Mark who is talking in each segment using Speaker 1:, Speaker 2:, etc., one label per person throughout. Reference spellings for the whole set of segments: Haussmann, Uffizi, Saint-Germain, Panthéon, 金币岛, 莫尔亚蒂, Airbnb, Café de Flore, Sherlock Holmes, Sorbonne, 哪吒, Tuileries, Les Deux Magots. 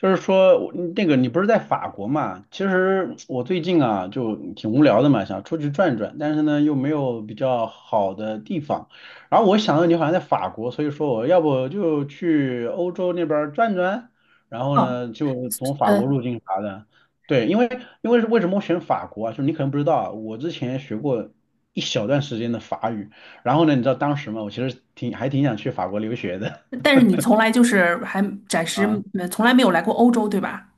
Speaker 1: 就是说，那个你不是在法国嘛？其实我最近啊就挺无聊的嘛，想出去转转，但是呢又没有比较好的地方。然后我想到你好像在法国，所以说我要不就去欧洲那边儿转转，然后
Speaker 2: 哦，
Speaker 1: 呢就从法国
Speaker 2: 呃，
Speaker 1: 入境啥的。对，因为是为什么我选法国啊？就是你可能不知道啊，我之前学过一小段时间的法语，然后呢，你知道当时嘛，我其实挺想去法国留学的
Speaker 2: 但是你从来就是还暂 时
Speaker 1: 啊。
Speaker 2: 从来没有来过欧洲，对吧？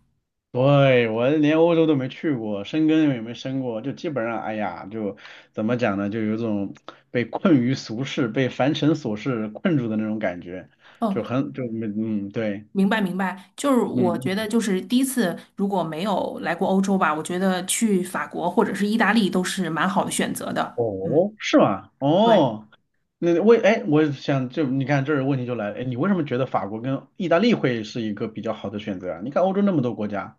Speaker 1: 对，我连欧洲都没去过，申根也没申过，就基本上，哎呀，就怎么讲呢，就有种被困于俗世、被凡尘琐事困住的那种感觉，
Speaker 2: 哦，
Speaker 1: 就很就没嗯对，
Speaker 2: 明白明白，就是
Speaker 1: 嗯
Speaker 2: 我觉得
Speaker 1: 嗯。
Speaker 2: 就是第一次如果没有来过欧洲吧，我觉得去法国或者是意大利都是蛮好的选择的。嗯，
Speaker 1: 哦，是吗？
Speaker 2: 对，
Speaker 1: 哦，哎，我想就你看这儿问题就来了，哎，你为什么觉得法国跟意大利会是一个比较好的选择啊？你看欧洲那么多国家，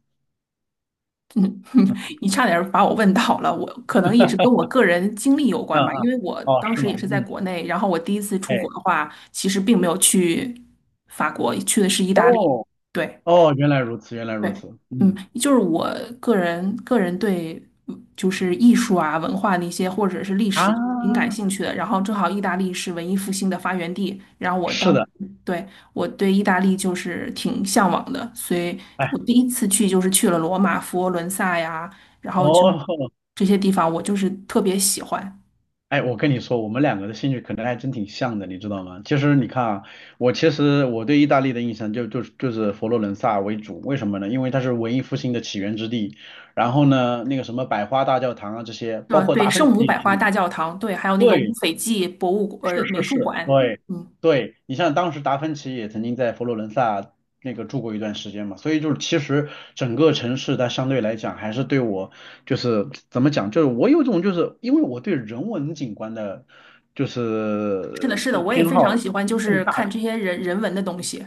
Speaker 2: 你差点儿把我问倒了，我可能也是跟我个人经历有
Speaker 1: 嗯
Speaker 2: 关吧，因
Speaker 1: 嗯，
Speaker 2: 为我
Speaker 1: 哦，
Speaker 2: 当
Speaker 1: 是
Speaker 2: 时
Speaker 1: 吗？
Speaker 2: 也是在
Speaker 1: 嗯，
Speaker 2: 国内，然后我第一次出
Speaker 1: 哎，
Speaker 2: 国的话，其实并没有去法国，去的是意大利。
Speaker 1: 哦
Speaker 2: 对。
Speaker 1: 哦，原来如此，原来如此，
Speaker 2: 对，嗯，
Speaker 1: 嗯
Speaker 2: 就是我个人对就是艺术啊、文化那些或者是历史挺感
Speaker 1: 啊，
Speaker 2: 兴趣的。然后正好意大利是文艺复兴的发源地，然后
Speaker 1: 是的。
Speaker 2: 我对意大利就是挺向往的，所以
Speaker 1: 哎，
Speaker 2: 我第一次去就是去了罗马、佛罗伦萨呀，然后就
Speaker 1: 哦，
Speaker 2: 这些地方我就是特别喜欢。
Speaker 1: 哎，我跟你说，我们两个的兴趣可能还真挺像的，你知道吗？其实你看啊，我其实我对意大利的印象就是佛罗伦萨为主，为什么呢？因为它是文艺复兴的起源之地，然后呢，那个什么百花大教堂啊这些，
Speaker 2: 对吧
Speaker 1: 包括
Speaker 2: 对，
Speaker 1: 达芬
Speaker 2: 圣母百
Speaker 1: 奇，
Speaker 2: 花大教堂，对，还有那个乌
Speaker 1: 对，
Speaker 2: 菲济
Speaker 1: 是
Speaker 2: 美
Speaker 1: 是
Speaker 2: 术
Speaker 1: 是，
Speaker 2: 馆，
Speaker 1: 对
Speaker 2: 嗯，
Speaker 1: 对，你像当时达芬奇也曾经在佛罗伦萨那个住过一段时间嘛，所以就是其实整个城市它相对来讲还是对我就是怎么讲，就是我有种就是因为我对人文景观的，就是
Speaker 2: 是的，是的，
Speaker 1: 就
Speaker 2: 我也
Speaker 1: 偏
Speaker 2: 非常
Speaker 1: 好。
Speaker 2: 喜欢就是看这些人文的东西。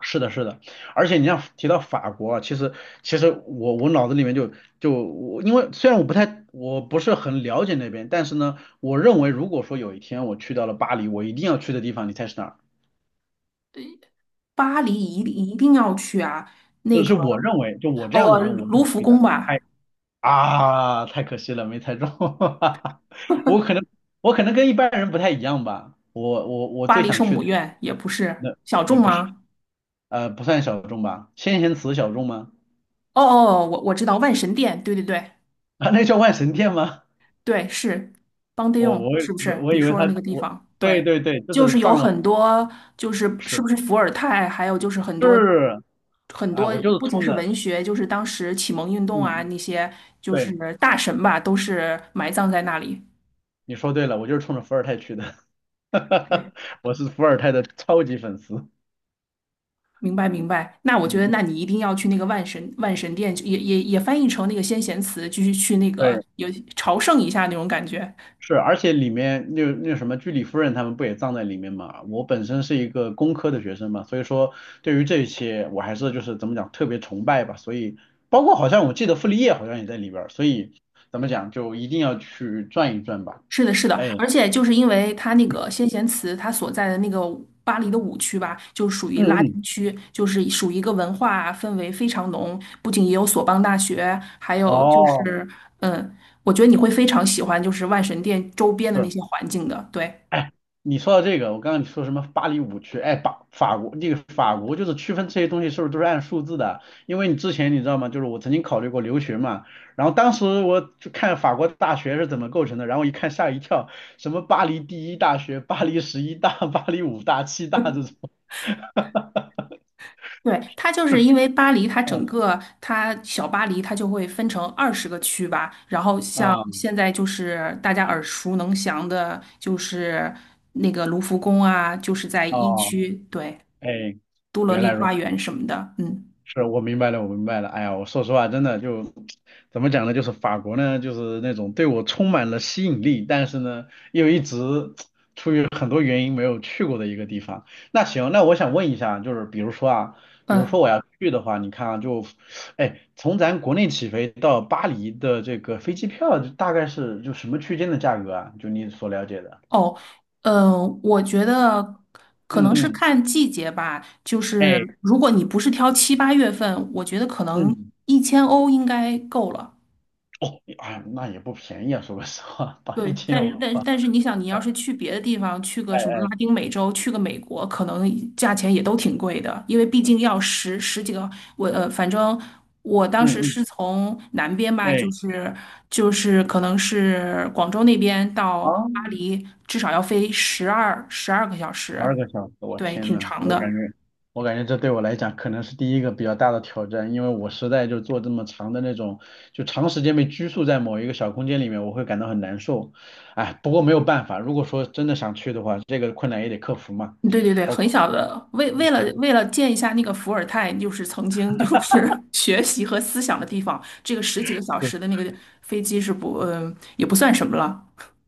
Speaker 1: 是的，是的，而且你像提到法国啊，其实我脑子里面就我，因为虽然我不太我不是很了解那边，但是呢，我认为如果说有一天我去到了巴黎，我一定要去的地方，你猜是哪儿？
Speaker 2: 对，巴黎一定要去啊！
Speaker 1: 这
Speaker 2: 那个，
Speaker 1: 是我认为，就我这
Speaker 2: 哦，
Speaker 1: 样的人，我是
Speaker 2: 卢
Speaker 1: 不
Speaker 2: 浮
Speaker 1: 去
Speaker 2: 宫
Speaker 1: 的。
Speaker 2: 吧，
Speaker 1: 啊，太可惜了，没猜中。我可能我可能跟一般人不太一样吧，我
Speaker 2: 巴
Speaker 1: 最
Speaker 2: 黎
Speaker 1: 想
Speaker 2: 圣
Speaker 1: 去
Speaker 2: 母
Speaker 1: 的。
Speaker 2: 院也不是
Speaker 1: 那
Speaker 2: 小
Speaker 1: 也
Speaker 2: 众
Speaker 1: 不是，
Speaker 2: 吗？
Speaker 1: 不算小众吧，先贤祠小众吗？
Speaker 2: 哦哦，哦我知道万神殿，对对对
Speaker 1: 啊，那叫万神殿吗？
Speaker 2: 对，是邦迪
Speaker 1: 我
Speaker 2: 用，
Speaker 1: 我
Speaker 2: 是不
Speaker 1: 我
Speaker 2: 是
Speaker 1: 我
Speaker 2: 你
Speaker 1: 以为
Speaker 2: 说
Speaker 1: 他。
Speaker 2: 的那个地方？
Speaker 1: 对
Speaker 2: 对，
Speaker 1: 对对，就
Speaker 2: 就
Speaker 1: 是
Speaker 2: 是有
Speaker 1: 藏了。
Speaker 2: 很多，就是是
Speaker 1: 是
Speaker 2: 不是伏尔泰，还有就是很多
Speaker 1: 是，
Speaker 2: 很
Speaker 1: 啊，
Speaker 2: 多，
Speaker 1: 我就是
Speaker 2: 不仅
Speaker 1: 冲
Speaker 2: 是
Speaker 1: 着
Speaker 2: 文学，就是当时启蒙运
Speaker 1: 嗯
Speaker 2: 动啊
Speaker 1: 嗯，
Speaker 2: 那些，就是
Speaker 1: 对，
Speaker 2: 大神吧，都是埋葬在那里。
Speaker 1: 你说对了，我就是冲着伏尔泰去的。哈哈，
Speaker 2: 对，
Speaker 1: 我是伏尔泰的超级粉丝，
Speaker 2: 明白明白，那我觉
Speaker 1: 嗯
Speaker 2: 得，那
Speaker 1: 嗯，
Speaker 2: 你一定要去那个万神殿，就也翻译成那个先贤祠，继续去那个
Speaker 1: 对，
Speaker 2: 有朝圣一下那种感觉。
Speaker 1: 是，而且里面那什么居里夫人他们不也葬在里面嘛？我本身是一个工科的学生嘛，所以说对于这些我还是就是怎么讲特别崇拜吧，所以包括好像我记得傅立叶好像也在里边儿，所以怎么讲就一定要去转一转吧，
Speaker 2: 是的，是的，
Speaker 1: 哎。
Speaker 2: 而且就是因为它那
Speaker 1: 嗯
Speaker 2: 个先贤祠，它所在的那个巴黎的五区吧，就属于拉
Speaker 1: 嗯，
Speaker 2: 丁区，就是属于一个文化氛围非常浓，不仅也有索邦大学，还有就
Speaker 1: 哦，
Speaker 2: 是，嗯，我觉得你会非常喜欢就是万神殿周边的那
Speaker 1: 是，
Speaker 2: 些环境的，对。
Speaker 1: 哎，你说到这个，我刚刚你说什么巴黎五区？哎，法国就是区分这些东西是不是都是按数字的？因为你之前你知道吗？就是我曾经考虑过留学嘛，然后当时我就看法国大学是怎么构成的，然后一看吓一跳，什么巴黎第一大学、巴黎十一大、巴黎五大、七大这 种。
Speaker 2: 对，它就是因为巴黎，它整
Speaker 1: 嗯
Speaker 2: 个它小巴黎，它就会分成20个区吧。然后像
Speaker 1: 嗯，
Speaker 2: 现在就是大家耳熟能详的，就是那个卢浮宫啊，就是在一
Speaker 1: 哦，
Speaker 2: 区，对，
Speaker 1: 哎，
Speaker 2: 都乐
Speaker 1: 原
Speaker 2: 丽
Speaker 1: 来如
Speaker 2: 花
Speaker 1: 此。
Speaker 2: 园什么的。嗯
Speaker 1: 是，我明白了，我明白了。哎呀，我说实话，真的就怎么讲呢？就是法国呢，就是那种对我充满了吸引力，但是呢，又一直出于很多原因没有去过的一个地方。那行，那我想问一下，就是比如说啊，比如说
Speaker 2: 嗯
Speaker 1: 我要去的话，你看啊，哎，从咱国内起飞到巴黎的这个飞机票，就大概是就什么区间的价格啊？就你所了解的？
Speaker 2: 哦，我觉得可
Speaker 1: 嗯
Speaker 2: 能是
Speaker 1: 嗯，
Speaker 2: 看季节吧。就是
Speaker 1: 哎，
Speaker 2: 如果你不是挑7、8月份，我觉得可能
Speaker 1: 嗯，
Speaker 2: 1000欧应该够了。
Speaker 1: 哦，哎，那也不便宜啊，说个实话，把
Speaker 2: 对，
Speaker 1: 一
Speaker 2: 但
Speaker 1: 千五，
Speaker 2: 但但是你想，你要是去别的地方，去个
Speaker 1: 哎
Speaker 2: 什么拉
Speaker 1: 哎，
Speaker 2: 丁美洲，去个美国，可能价钱也都挺贵的，因为毕竟要十几个，反正我当时
Speaker 1: 嗯嗯。
Speaker 2: 是从南边吧，就
Speaker 1: 哎，
Speaker 2: 是就是可能是广州那边到
Speaker 1: 啊，
Speaker 2: 巴黎，至少要飞十二个小
Speaker 1: 十
Speaker 2: 时，
Speaker 1: 二个小时，我
Speaker 2: 对，
Speaker 1: 天
Speaker 2: 挺
Speaker 1: 呐，
Speaker 2: 长
Speaker 1: 我感
Speaker 2: 的。
Speaker 1: 觉，我感觉这对我来讲可能是第一个比较大的挑战，因为我实在就做这么长的那种，就长时间被拘束在某一个小空间里面，我会感到很难受。哎，不过没有办法，如果说真的想去的话，这个困难也得克服嘛。
Speaker 2: 对对对，
Speaker 1: OK,
Speaker 2: 很小的，为了见一下那个伏尔泰，就是曾经就是 学习和思想的地方，这个十几个小时的
Speaker 1: 是，
Speaker 2: 那个飞机是不，嗯、也不算什么了，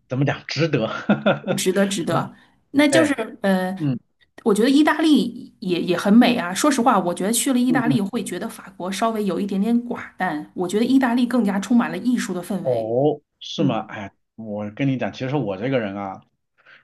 Speaker 1: 怎么讲，值得。哈哈，
Speaker 2: 值得值得。那就
Speaker 1: 哎，
Speaker 2: 是，呃，
Speaker 1: 嗯
Speaker 2: 我觉得意大利也很美啊。说实话，我觉得去了意
Speaker 1: 嗯
Speaker 2: 大利
Speaker 1: 嗯，
Speaker 2: 会觉得法国稍微有一点点寡淡，我觉得意大利更加充满了艺术的氛围。
Speaker 1: 哦，是
Speaker 2: 嗯，
Speaker 1: 吗？哎，我跟你讲，其实我这个人啊。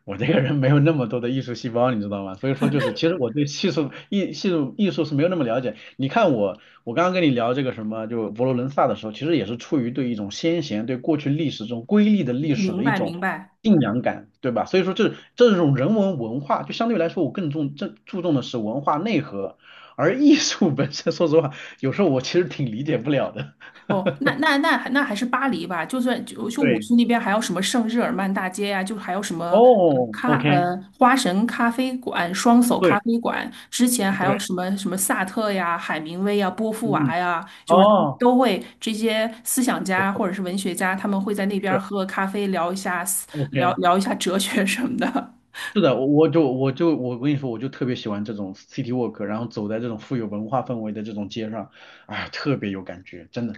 Speaker 1: 我这个人没有那么多的艺术细胞，你知道吗？所以说就是，其实我对艺术艺系术艺术是没有那么了解。你看我，我刚刚跟你聊这个什么，就佛罗伦萨的时候，其实也是出于对一种先贤、对过去历史这种瑰丽的历史
Speaker 2: 明
Speaker 1: 的一
Speaker 2: 白明
Speaker 1: 种
Speaker 2: 白。
Speaker 1: 敬仰感，对吧？所以说这种人文文化，就相对来说我更重这注重的是文化内核，而艺术本身，说实话，有时候我其实挺理解不了的。
Speaker 2: 哦，那还是巴黎吧，就算就五
Speaker 1: 对，
Speaker 2: 区那边还有什么圣日耳曼大街呀、就还有什么嗯
Speaker 1: 哦
Speaker 2: 咖
Speaker 1: ，OK,
Speaker 2: 呃花神咖啡馆、双叟咖
Speaker 1: 对
Speaker 2: 啡馆，之前还
Speaker 1: 对，
Speaker 2: 有什么什么萨特呀、海明威呀、波伏
Speaker 1: 嗯，
Speaker 2: 娃
Speaker 1: 嗯，
Speaker 2: 呀，就是他们
Speaker 1: 哦，
Speaker 2: 都会这些思想
Speaker 1: 不
Speaker 2: 家
Speaker 1: 错，
Speaker 2: 或者是文学家，他们会在那边
Speaker 1: 是，
Speaker 2: 喝个咖啡，聊
Speaker 1: OK。
Speaker 2: 聊一下哲学什么的。
Speaker 1: 是的，我跟你说，我就特别喜欢这种 city walk,然后走在这种富有文化氛围的这种街上，哎，特别有感觉，真的，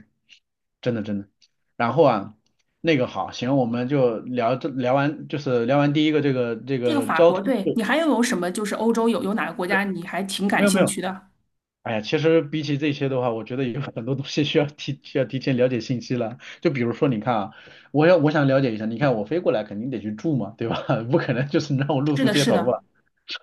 Speaker 1: 真的真的。然后啊，那个好，行，我们就聊完，就是聊完第一个这个这
Speaker 2: 这个
Speaker 1: 个
Speaker 2: 法
Speaker 1: 交
Speaker 2: 国，
Speaker 1: 通，
Speaker 2: 对，你
Speaker 1: 不
Speaker 2: 还有什么就是欧洲有哪个国
Speaker 1: 是
Speaker 2: 家你还挺
Speaker 1: 没
Speaker 2: 感
Speaker 1: 有没
Speaker 2: 兴
Speaker 1: 有，
Speaker 2: 趣的？
Speaker 1: 哎呀，其实比起这些的话，我觉得有很多东西需要提前了解信息了。就比如说，你看啊，我想了解一下，你看我飞过来肯定得去住嘛，对吧？不可能就是让我露
Speaker 2: 是
Speaker 1: 宿
Speaker 2: 的，
Speaker 1: 街
Speaker 2: 是
Speaker 1: 头
Speaker 2: 的。
Speaker 1: 吧。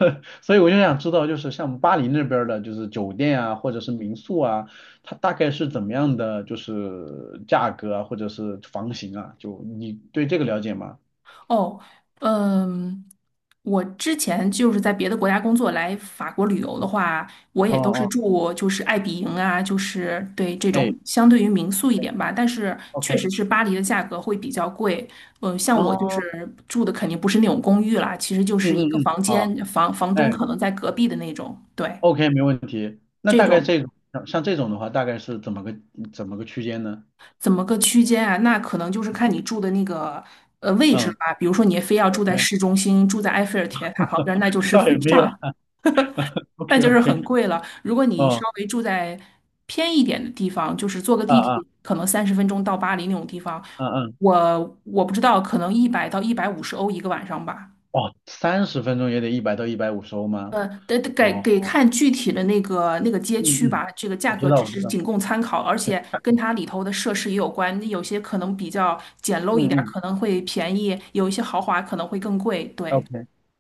Speaker 1: 所以我就想知道，就是像巴黎那边儿的，就是酒店啊，或者是民宿啊，它大概是怎么样的，就是价格啊，或者是房型啊，就你对这个了解吗？
Speaker 2: 哦，嗯，我之前就是在别的国家工作，来法国旅游的话，我
Speaker 1: 哦
Speaker 2: 也都是
Speaker 1: 哦，
Speaker 2: 住就是爱比营啊，就是对这
Speaker 1: 哎
Speaker 2: 种相对于民宿一点吧，但是确
Speaker 1: ，OK,
Speaker 2: 实是巴黎的价格会比较贵。嗯，像我就
Speaker 1: 哦，
Speaker 2: 是住的肯定不是那种公寓啦，其实就
Speaker 1: 嗯
Speaker 2: 是一个
Speaker 1: 嗯嗯，
Speaker 2: 房
Speaker 1: 好，
Speaker 2: 间，房房
Speaker 1: 哎
Speaker 2: 东可能在隔壁的那种。对，
Speaker 1: ，OK,没问题。那
Speaker 2: 这
Speaker 1: 大概这
Speaker 2: 种
Speaker 1: 种像这种的话，大概是怎么个区间呢？
Speaker 2: 怎么个区间啊？那可能就是看你住的那个。呃，位置
Speaker 1: 嗯
Speaker 2: 吧，比如说你非要住在
Speaker 1: ，OK,
Speaker 2: 市中心，住在埃菲尔铁塔旁 边，那就是
Speaker 1: 倒
Speaker 2: 非
Speaker 1: 也没有
Speaker 2: 常 那
Speaker 1: ，OK
Speaker 2: 就是很
Speaker 1: OK,
Speaker 2: 贵了。如果你稍
Speaker 1: 哦，
Speaker 2: 微住在偏一点的地方，就是坐个
Speaker 1: 啊
Speaker 2: 地
Speaker 1: 啊，
Speaker 2: 铁，可能30分钟到巴黎那种地方，
Speaker 1: 嗯嗯，
Speaker 2: 我不知道，可能100到150欧一个晚上吧。
Speaker 1: 哦，30分钟也得100到150欧吗？
Speaker 2: 呃，得
Speaker 1: 哦，
Speaker 2: 看具体的那个街
Speaker 1: 嗯
Speaker 2: 区
Speaker 1: 嗯，
Speaker 2: 吧，这个价
Speaker 1: 我知
Speaker 2: 格
Speaker 1: 道，
Speaker 2: 只
Speaker 1: 我知
Speaker 2: 是
Speaker 1: 道，
Speaker 2: 仅供参考，而
Speaker 1: 对，
Speaker 2: 且跟它里头的设施也有关，有些可能比较简陋一
Speaker 1: 嗯
Speaker 2: 点儿，
Speaker 1: 嗯。
Speaker 2: 可能会便宜，有一些豪华可能会更贵。对，
Speaker 1: OK,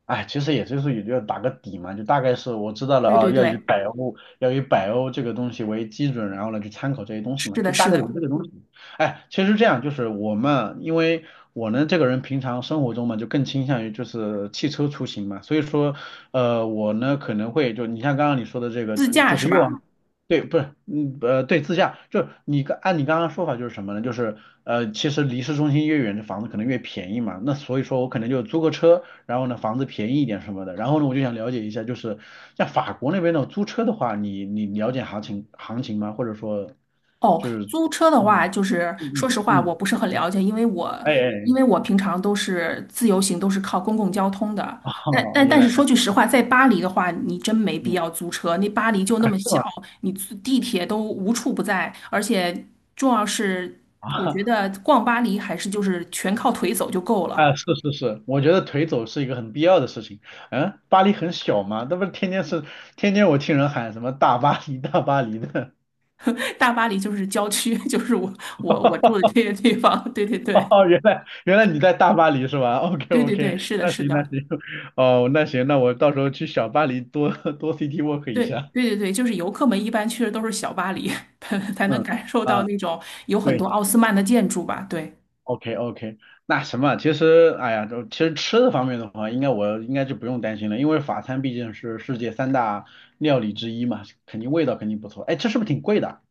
Speaker 1: 哎，其实也就打个底嘛，就大概是我知道了
Speaker 2: 对对
Speaker 1: 啊，要以
Speaker 2: 对，
Speaker 1: 百欧要以百欧这个东西为基准，然后呢去参考这些东西嘛，
Speaker 2: 是
Speaker 1: 就
Speaker 2: 的，
Speaker 1: 大
Speaker 2: 是
Speaker 1: 概有
Speaker 2: 的，
Speaker 1: 这个东西。哎，其实这样就是我们，因为我呢这个人平常生活中嘛，就更倾向于就是汽车出行嘛，所以说我呢可能会就你像刚刚你说的这个，
Speaker 2: 自驾
Speaker 1: 就
Speaker 2: 是
Speaker 1: 是越
Speaker 2: 吧？
Speaker 1: 往对，不是，嗯，对，自驾，就是你你刚刚说法就是什么呢？就是其实离市中心越远的房子可能越便宜嘛，那所以说我可能就租个车，然后呢，房子便宜一点什么的。然后呢，我就想了解一下，就是像法国那边的租车的话，你了解行情吗？或者说，
Speaker 2: 哦，
Speaker 1: 就是，
Speaker 2: 租车的话，
Speaker 1: 嗯
Speaker 2: 就是
Speaker 1: 嗯
Speaker 2: 说
Speaker 1: 嗯
Speaker 2: 实话，我
Speaker 1: 嗯，
Speaker 2: 不是很了解，因为我
Speaker 1: 哎
Speaker 2: 因
Speaker 1: 哎，
Speaker 2: 为我平常都是自由行，都是靠公共交通的。
Speaker 1: 哎
Speaker 2: 但
Speaker 1: 哦，
Speaker 2: 但
Speaker 1: 原
Speaker 2: 但
Speaker 1: 来
Speaker 2: 是
Speaker 1: 如
Speaker 2: 说
Speaker 1: 此，
Speaker 2: 句实话，在巴黎的话，你真没必要
Speaker 1: 嗯，
Speaker 2: 租车。那巴黎就那
Speaker 1: 啊
Speaker 2: 么
Speaker 1: 是
Speaker 2: 小，
Speaker 1: 吗？
Speaker 2: 你租地铁都无处不在，而且重要是，我觉
Speaker 1: 啊
Speaker 2: 得逛巴黎还是就是全靠腿走就够了。
Speaker 1: 啊，是是是，我觉得腿走是一个很必要的事情。嗯，巴黎很小嘛，那不是天天是天天我听人喊什么大巴黎大巴黎的。
Speaker 2: 大巴黎就是郊区，就是我住的这些地方。对对 对
Speaker 1: 哦，原来原来你在大巴黎是吧？OK
Speaker 2: 对对对，
Speaker 1: OK,
Speaker 2: 是的，
Speaker 1: 那
Speaker 2: 是
Speaker 1: 行那
Speaker 2: 的。
Speaker 1: 行，哦，那行，那我到时候去小巴黎多多 city walk 一
Speaker 2: 对
Speaker 1: 下。
Speaker 2: 对对对，就是游客们一般去的都是小巴黎，才能
Speaker 1: 嗯
Speaker 2: 感受到
Speaker 1: 嗯，
Speaker 2: 那种有很多
Speaker 1: 对
Speaker 2: 奥斯曼的建筑吧？对，
Speaker 1: ，OK OK,那什么，其实哎呀，就其实吃的方面的话，我应该就不用担心了，因为法餐毕竟是世界三大料理之一嘛，肯定味道肯定不错。哎，这是不是挺贵的？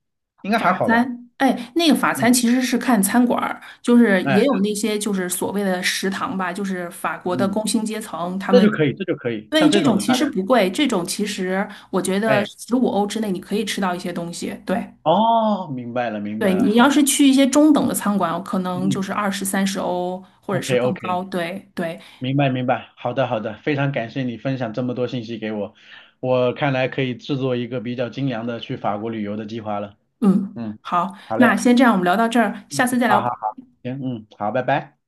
Speaker 1: 应该还
Speaker 2: 法
Speaker 1: 好吧？
Speaker 2: 餐，哎，那个法餐
Speaker 1: 嗯，
Speaker 2: 其实是看餐馆儿，就是
Speaker 1: 哎，
Speaker 2: 也有那些就是所谓的食堂吧，就是法国的
Speaker 1: 嗯，
Speaker 2: 工薪阶层他
Speaker 1: 那
Speaker 2: 们。
Speaker 1: 就可以，这就可以，
Speaker 2: 对，
Speaker 1: 像这
Speaker 2: 这
Speaker 1: 种
Speaker 2: 种
Speaker 1: 的
Speaker 2: 其
Speaker 1: 大
Speaker 2: 实
Speaker 1: 概，
Speaker 2: 不贵，这种其实我觉得
Speaker 1: 哎，
Speaker 2: 15欧之内你可以吃到一些东西。对，
Speaker 1: 哦，明白了明
Speaker 2: 对
Speaker 1: 白了，
Speaker 2: 你
Speaker 1: 好
Speaker 2: 要
Speaker 1: 的，
Speaker 2: 是去一些中等的餐馆，可
Speaker 1: 嗯
Speaker 2: 能就
Speaker 1: 嗯
Speaker 2: 是20、30欧或者是
Speaker 1: ，OK
Speaker 2: 更高。
Speaker 1: OK。
Speaker 2: 对对，
Speaker 1: 明白明白，好的好的，非常感谢你分享这么多信息给我，我看来可以制作一个比较精良的去法国旅游的计划了。
Speaker 2: 嗯，
Speaker 1: 嗯，
Speaker 2: 好，
Speaker 1: 好嘞，
Speaker 2: 那先这样，我们聊到这儿，下次再
Speaker 1: 好
Speaker 2: 聊。
Speaker 1: 好，行，嗯，好，拜拜。